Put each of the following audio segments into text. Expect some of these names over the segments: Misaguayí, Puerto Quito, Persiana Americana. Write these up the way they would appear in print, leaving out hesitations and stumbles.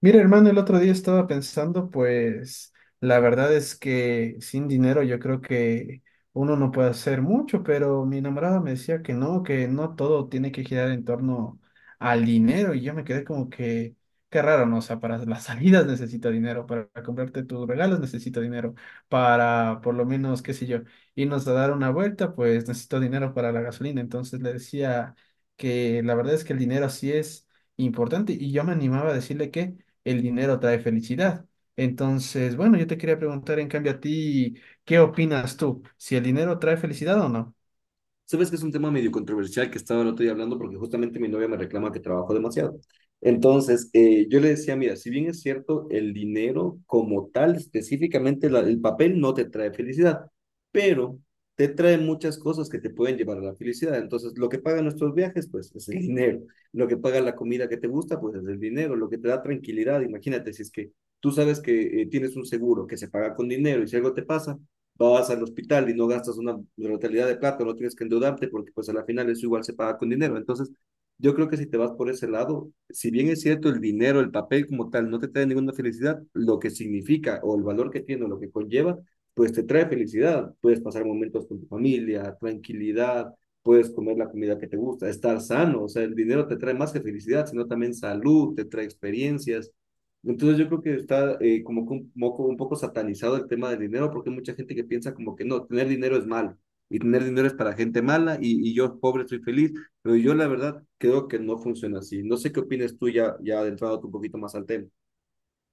Mira, hermano, el otro día estaba pensando, pues la verdad es que sin dinero yo creo que uno no puede hacer mucho, pero mi enamorada me decía que no todo tiene que girar en torno al dinero y yo me quedé como que, qué raro, ¿no? O sea, para las salidas necesito dinero, para comprarte tus regalos necesito dinero, para por lo menos, qué sé yo, irnos a dar una vuelta, pues necesito dinero para la gasolina. Entonces le decía que la verdad es que el dinero sí es importante y yo me animaba a decirle que el dinero trae felicidad. Entonces, bueno, yo te quería preguntar en cambio a ti, ¿qué opinas tú? ¿Si el dinero trae felicidad o no? Sabes que es un tema medio controversial que estaba el otro día hablando porque justamente mi novia me reclama que trabajo demasiado. Entonces, yo le decía, mira, si bien es cierto, el dinero como tal, específicamente el papel, no te trae felicidad, pero te trae muchas cosas que te pueden llevar a la felicidad. Entonces, lo que pagan nuestros viajes, pues es el dinero. Lo que paga la comida que te gusta, pues es el dinero. Lo que te da tranquilidad, imagínate, si es que tú sabes que tienes un seguro que se paga con dinero, y si algo te pasa vas al hospital y no gastas una brutalidad de plata, no tienes que endeudarte porque pues a la final eso igual se paga con dinero. Entonces, yo creo que si te vas por ese lado, si bien es cierto el dinero, el papel como tal, no te trae ninguna felicidad, lo que significa o el valor que tiene o lo que conlleva, pues te trae felicidad. Puedes pasar momentos con tu familia, tranquilidad, puedes comer la comida que te gusta, estar sano. O sea, el dinero te trae más que felicidad, sino también salud, te trae experiencias. Entonces yo creo que está como que un poco satanizado el tema del dinero, porque hay mucha gente que piensa como que no, tener dinero es malo y tener dinero es para gente mala y yo pobre estoy feliz, pero yo la verdad creo que no funciona así. No sé qué opinas tú ya adentrado un poquito más al tema.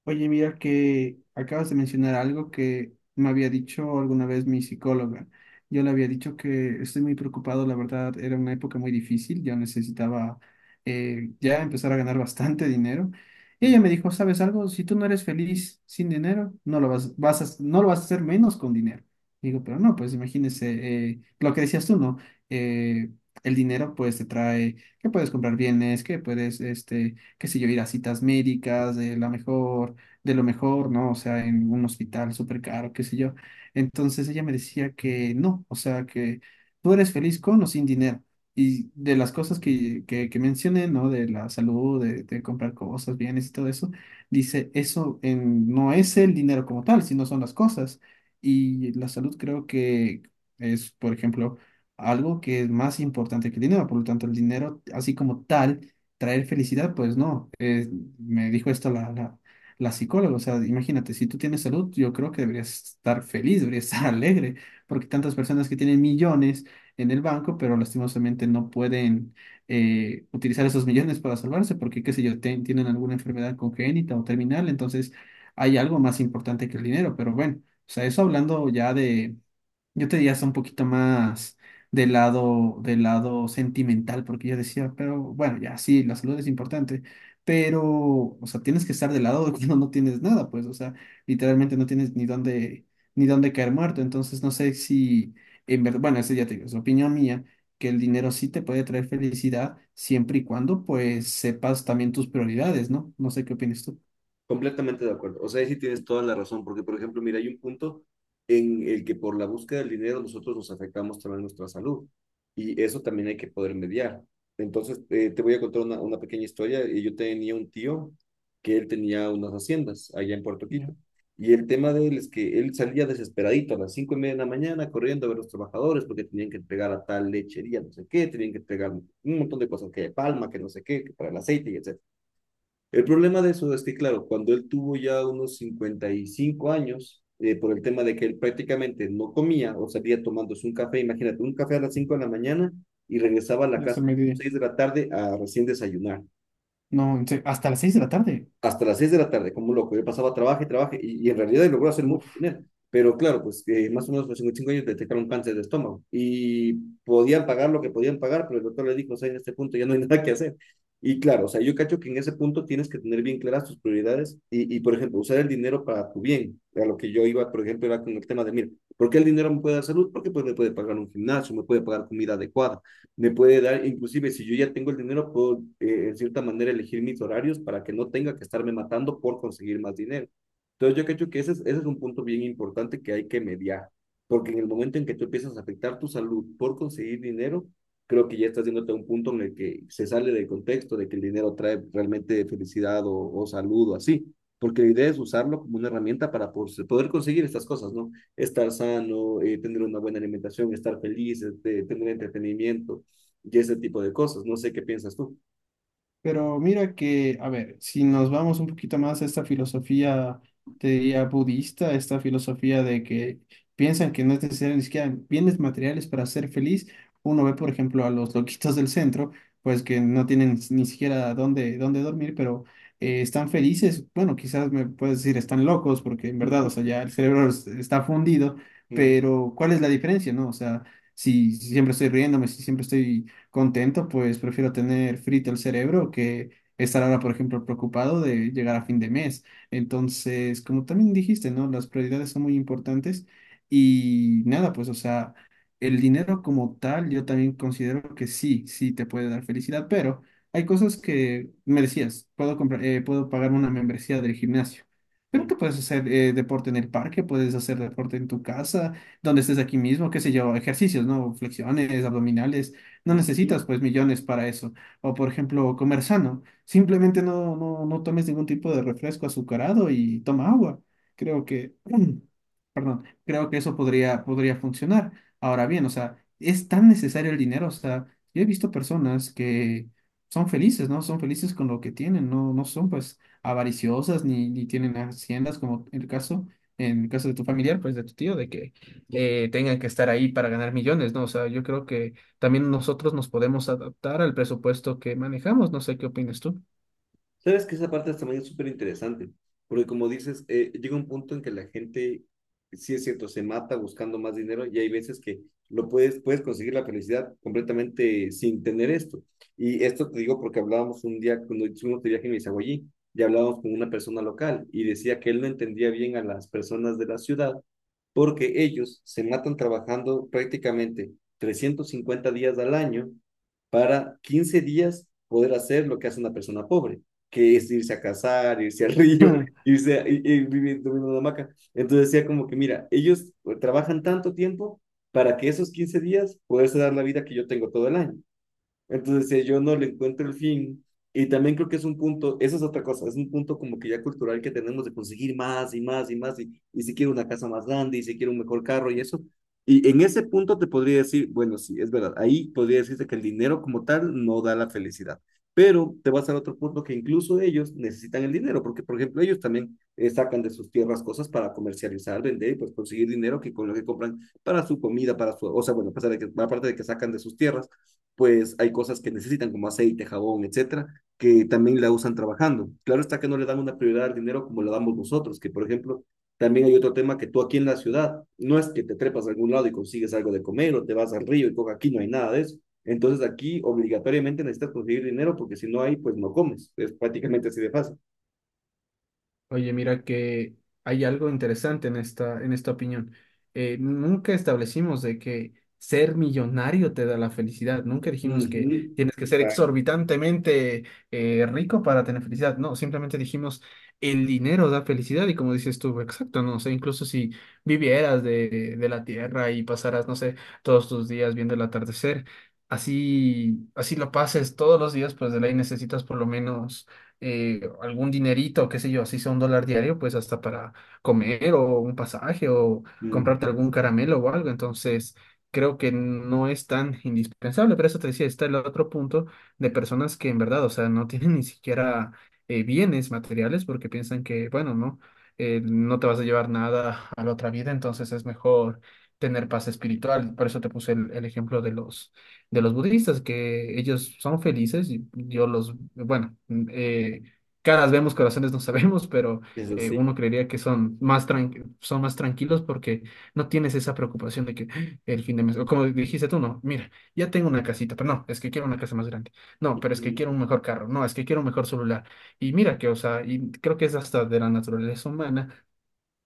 Oye, mira que acabas de mencionar algo que me había dicho alguna vez mi psicóloga. Yo le había dicho que estoy muy preocupado, la verdad, era una época muy difícil, yo necesitaba ya empezar a ganar bastante dinero. Y ella me dijo, ¿sabes algo? Si tú no eres feliz sin dinero, no lo vas, vas a, no lo vas a hacer menos con dinero. Digo, pero no, pues imagínese lo que decías tú, ¿no? Eh, el dinero pues te trae que puedes comprar bienes, que puedes, este, qué sé yo, ir a citas médicas, la mejor de lo mejor, ¿no? O sea, en un hospital súper caro, qué sé yo. Entonces ella me decía que no, o sea, que tú eres feliz con o sin dinero. Y de las cosas que mencioné, ¿no? De la salud, de comprar cosas, bienes y todo eso, dice, no es el dinero como tal, sino son las cosas. Y la salud creo que es, por ejemplo, algo que es más importante que el dinero. Por lo tanto, el dinero, así como tal, traer felicidad, pues no. Me dijo esto la psicóloga. O sea, imagínate, si tú tienes salud, yo creo que deberías estar feliz, deberías estar alegre, porque tantas personas que tienen millones en el banco, pero lastimosamente no pueden utilizar esos millones para salvarse, porque, qué sé yo, tienen alguna enfermedad congénita o terminal, entonces hay algo más importante que el dinero, pero bueno, o sea, eso hablando ya yo te diría hasta un poquito más del lado sentimental, porque yo decía, pero bueno, ya sí, la salud es importante, pero, o sea, tienes que estar del lado de cuando no tienes nada, pues, o sea, literalmente no tienes ni dónde caer muerto. Entonces, no sé si, en verdad, bueno, eso ya te digo, es opinión mía, que el dinero sí te puede traer felicidad siempre y cuando, pues, sepas también tus prioridades, ¿no? No sé qué opinas tú. Completamente de acuerdo. O sea, ahí sí tienes toda la razón, porque por ejemplo, mira, hay un punto en el que por la búsqueda del dinero nosotros nos afectamos también nuestra salud, y eso también hay que poder mediar. Entonces, te voy a contar una pequeña historia. Yo tenía un tío que él tenía unas haciendas allá en Puerto Quito, Ya, y el tema de él es que él salía desesperadito a las 5:30 de la mañana corriendo a ver a los trabajadores, porque tenían que entregar a tal lechería, no sé qué, tenían que entregar un montón de cosas, que de palma, que no sé qué, que para el aceite, y etc. El problema de eso es que, claro, cuando él tuvo ya unos 55 años, por el tema de que él prácticamente no comía o salía tomándose un café, imagínate, un café a las 5 de la mañana y regresaba a la ya es casa el a las mediodía. 6 de la tarde, a recién desayunar No, en serio, hasta las 6 de la tarde. hasta las 6 de la tarde, como un loco. Yo pasaba, trabaje, trabaje, y en realidad logró hacer mucho Uf. dinero. Pero claro, pues más o menos a los 55 años detectaron cáncer de estómago, y podían pagar lo que podían pagar, pero el doctor le dijo, o sea, en este punto ya no hay nada que hacer. Y claro, o sea, yo cacho que en ese punto tienes que tener bien claras tus prioridades por ejemplo, usar el dinero para tu bien. A lo que yo iba, por ejemplo, era con el tema de, mira, ¿por qué el dinero me puede dar salud? Porque pues me puede pagar un gimnasio, me puede pagar comida adecuada, me puede dar, inclusive si yo ya tengo el dinero, puedo en cierta manera elegir mis horarios para que no tenga que estarme matando por conseguir más dinero. Entonces yo creo que ese es un punto bien importante que hay que mediar, porque en el momento en que tú empiezas a afectar tu salud por conseguir dinero, creo que ya estás yéndote a un punto en el que se sale del contexto de que el dinero trae realmente felicidad o salud o así, porque la idea es usarlo como una herramienta para poder conseguir estas cosas, ¿no? Estar sano, tener una buena alimentación, estar feliz, este, tener entretenimiento, y ese tipo de cosas. No sé qué piensas tú. Pero mira que, a ver, si nos vamos un poquito más a esta filosofía, te diría budista, esta filosofía de que piensan que no es necesario ni siquiera bienes materiales para ser feliz, uno ve, por ejemplo, a los loquitos del centro, pues que no tienen ni siquiera dónde dormir, pero están felices. Bueno, quizás me puedes decir están locos, porque en verdad, o sea, ya el cerebro está fundido, Mm-hmm. pero ¿cuál es la diferencia, no? O sea, si siempre estoy riéndome, si siempre estoy contento, pues prefiero tener frito el cerebro que estar ahora, por ejemplo, preocupado de llegar a fin de mes. Entonces, como también dijiste, ¿no? Las prioridades son muy importantes y nada, pues, o sea, el dinero como tal, yo también considero que sí, sí te puede dar felicidad, pero hay cosas que me decías, puedo comprar, puedo pagar una membresía del gimnasio. Pero que puedes hacer deporte en el parque, puedes hacer deporte en tu casa, donde estés aquí mismo, qué sé yo, ejercicios, ¿no? Flexiones, abdominales no Mm-hmm. necesitas pues millones para eso. O por ejemplo, comer sano, simplemente no, no, no tomes ningún tipo de refresco azucarado y toma agua. Creo que, perdón, creo que eso podría, podría funcionar. Ahora bien, o sea, es tan necesario el dinero, o sea, yo he visto personas que son felices, ¿no? Son felices con lo que tienen, no, no son pues avariciosas ni tienen haciendas como en el caso de tu familiar, pues de tu tío, de que tengan que estar ahí para ganar millones, ¿no? O sea, yo creo que también nosotros nos podemos adaptar al presupuesto que manejamos. No sé qué opinas tú. Sabes que esa parte también es súper interesante, porque como dices, llega un punto en que la gente, sí es cierto, se mata buscando más dinero, y hay veces que puedes conseguir la felicidad completamente sin tener esto. Y esto te digo porque hablábamos un día, cuando hicimos de viaje en Misaguayí, y hablábamos con una persona local y decía que él no entendía bien a las personas de la ciudad, porque ellos se matan trabajando prácticamente 350 días al año para 15 días poder hacer lo que hace una persona pobre, que es irse a cazar, irse al río, irse a, ir ir viviendo en una hamaca. Entonces decía como que, mira, ellos trabajan tanto tiempo para que esos 15 días poderse dar la vida que yo tengo todo el año. Entonces, si yo no le encuentro el fin, y también creo que es un punto, eso es otra cosa, es un punto como que ya cultural que tenemos de conseguir más y más y más, y si quiero una casa más grande, y si quiero un mejor carro y eso. Y en ese punto te podría decir, bueno, sí, es verdad, ahí podría decirte que el dinero como tal no da la felicidad. Pero te vas al otro punto, que incluso ellos necesitan el dinero, porque por ejemplo ellos también sacan de sus tierras cosas para comercializar, vender y pues conseguir dinero, que con lo que compran para su comida, para su, o sea, bueno, a pesar de que, aparte de que sacan de sus tierras, pues hay cosas que necesitan como aceite, jabón, etcétera, que también la usan trabajando. Claro está que no le dan una prioridad al dinero como la damos nosotros, que por ejemplo, también hay otro tema que tú aquí en la ciudad, no es que te trepas a algún lado y consigues algo de comer o te vas al río y coca, aquí no hay nada de eso. Entonces aquí obligatoriamente necesitas conseguir dinero, porque si no hay, pues no comes. Es prácticamente así de fácil. Oye, mira que hay algo interesante en esta opinión. Nunca establecimos de que ser millonario te da la felicidad. Nunca dijimos que Ujú. tienes que ser Ah, exorbitantemente rico para tener felicidad. No, simplemente dijimos el dinero da felicidad y como dices tú, exacto, no sé, incluso si vivieras de la tierra y pasaras, no sé, todos tus días viendo el atardecer, así, así lo pases todos los días, pues de ley necesitas por lo menos algún dinerito, qué sé yo, así sea $1 diario, pues hasta para comer o un pasaje o mm. comprarte algún caramelo o algo. Entonces, creo que no es tan indispensable, pero eso te decía, está el otro punto de personas que en verdad, o sea, no tienen ni siquiera bienes materiales porque piensan que, bueno, no, no te vas a llevar nada a la otra vida, entonces es mejor tener paz espiritual. Por eso te puse el ejemplo de los budistas, que ellos son felices, y yo los, bueno, caras vemos, corazones no sabemos, pero Eso sí. uno creería que son más tranquilos porque no tienes esa preocupación de que ¡ah! El fin de mes, o como dijiste tú, no, mira, ya tengo una casita, pero no, es que quiero una casa más grande, no, pero es que Ujú. quiero un mejor carro, no, es que quiero un mejor celular, y mira que, o sea, y creo que es hasta de la naturaleza humana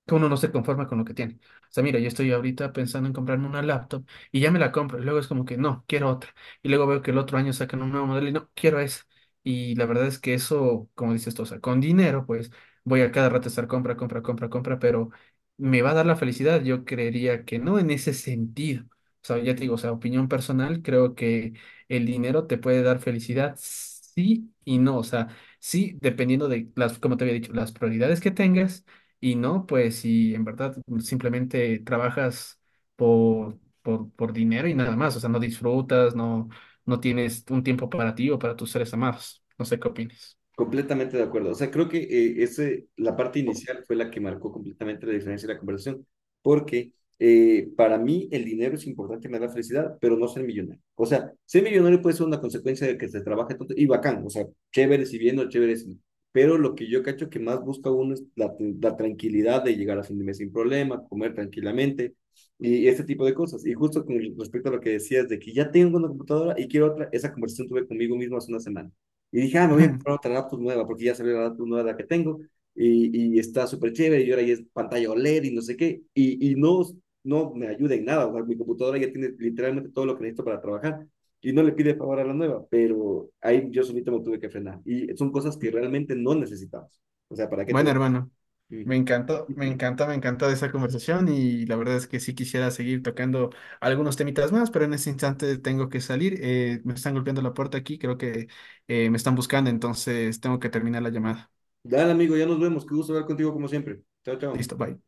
que uno no se conforma con lo que tiene. O sea, mira, yo estoy ahorita pensando en comprarme una laptop y ya me la compro. Y luego es como que no, quiero otra. Y luego veo que el otro año sacan un nuevo modelo y no, quiero esa. Y la verdad es que eso, como dices tú, o sea, con dinero, pues voy a cada rato estar compra, compra, compra, compra, pero me va a dar la felicidad. Yo creería que no en ese sentido. O sea, ya te digo, o sea, opinión personal, creo que el dinero te puede dar felicidad, sí y no. O sea, sí, dependiendo de las, como te había dicho, las prioridades que tengas y no, pues si en verdad simplemente trabajas por dinero y nada más, o sea, no disfrutas, no, no tienes un tiempo para ti o para tus seres amados. No sé qué opines. Completamente de acuerdo. O sea, creo que la parte inicial fue la que marcó completamente la diferencia de la conversación, porque para mí el dinero es importante, me da felicidad, pero no ser millonario. O sea, ser millonario puede ser una consecuencia de que se trabaje tanto y bacán, o sea, chévere si bien o chévere si no. Pero lo que yo cacho que más busca uno es la tranquilidad de llegar a fin de mes sin problema, comer tranquilamente y este tipo de cosas. Y justo con respecto a lo que decías de que ya tengo una computadora y quiero otra, esa conversación tuve conmigo mismo hace una semana. Y dije, ah, me voy a comprar otra laptop nueva, porque ya salió la laptop nueva la que tengo, y está súper chévere, y ahora ya es pantalla OLED y no sé qué, y no me ayuda en nada, o sea, mi computadora ya tiene literalmente todo lo que necesito para trabajar, y no le pide favor a la nueva, pero ahí yo solito me tuve que frenar, y son cosas que realmente no necesitamos, o sea, ¿para qué te Bueno, voy? hermano, me Ujú. encantó, me encanta esa conversación y la verdad es que sí quisiera seguir tocando algunos temitas más, pero en este instante tengo que salir. Me están golpeando la puerta aquí, creo que me están buscando, entonces tengo que terminar la llamada. Dale, amigo, ya nos vemos, qué gusto hablar contigo como siempre. Chao, chao. Listo, bye.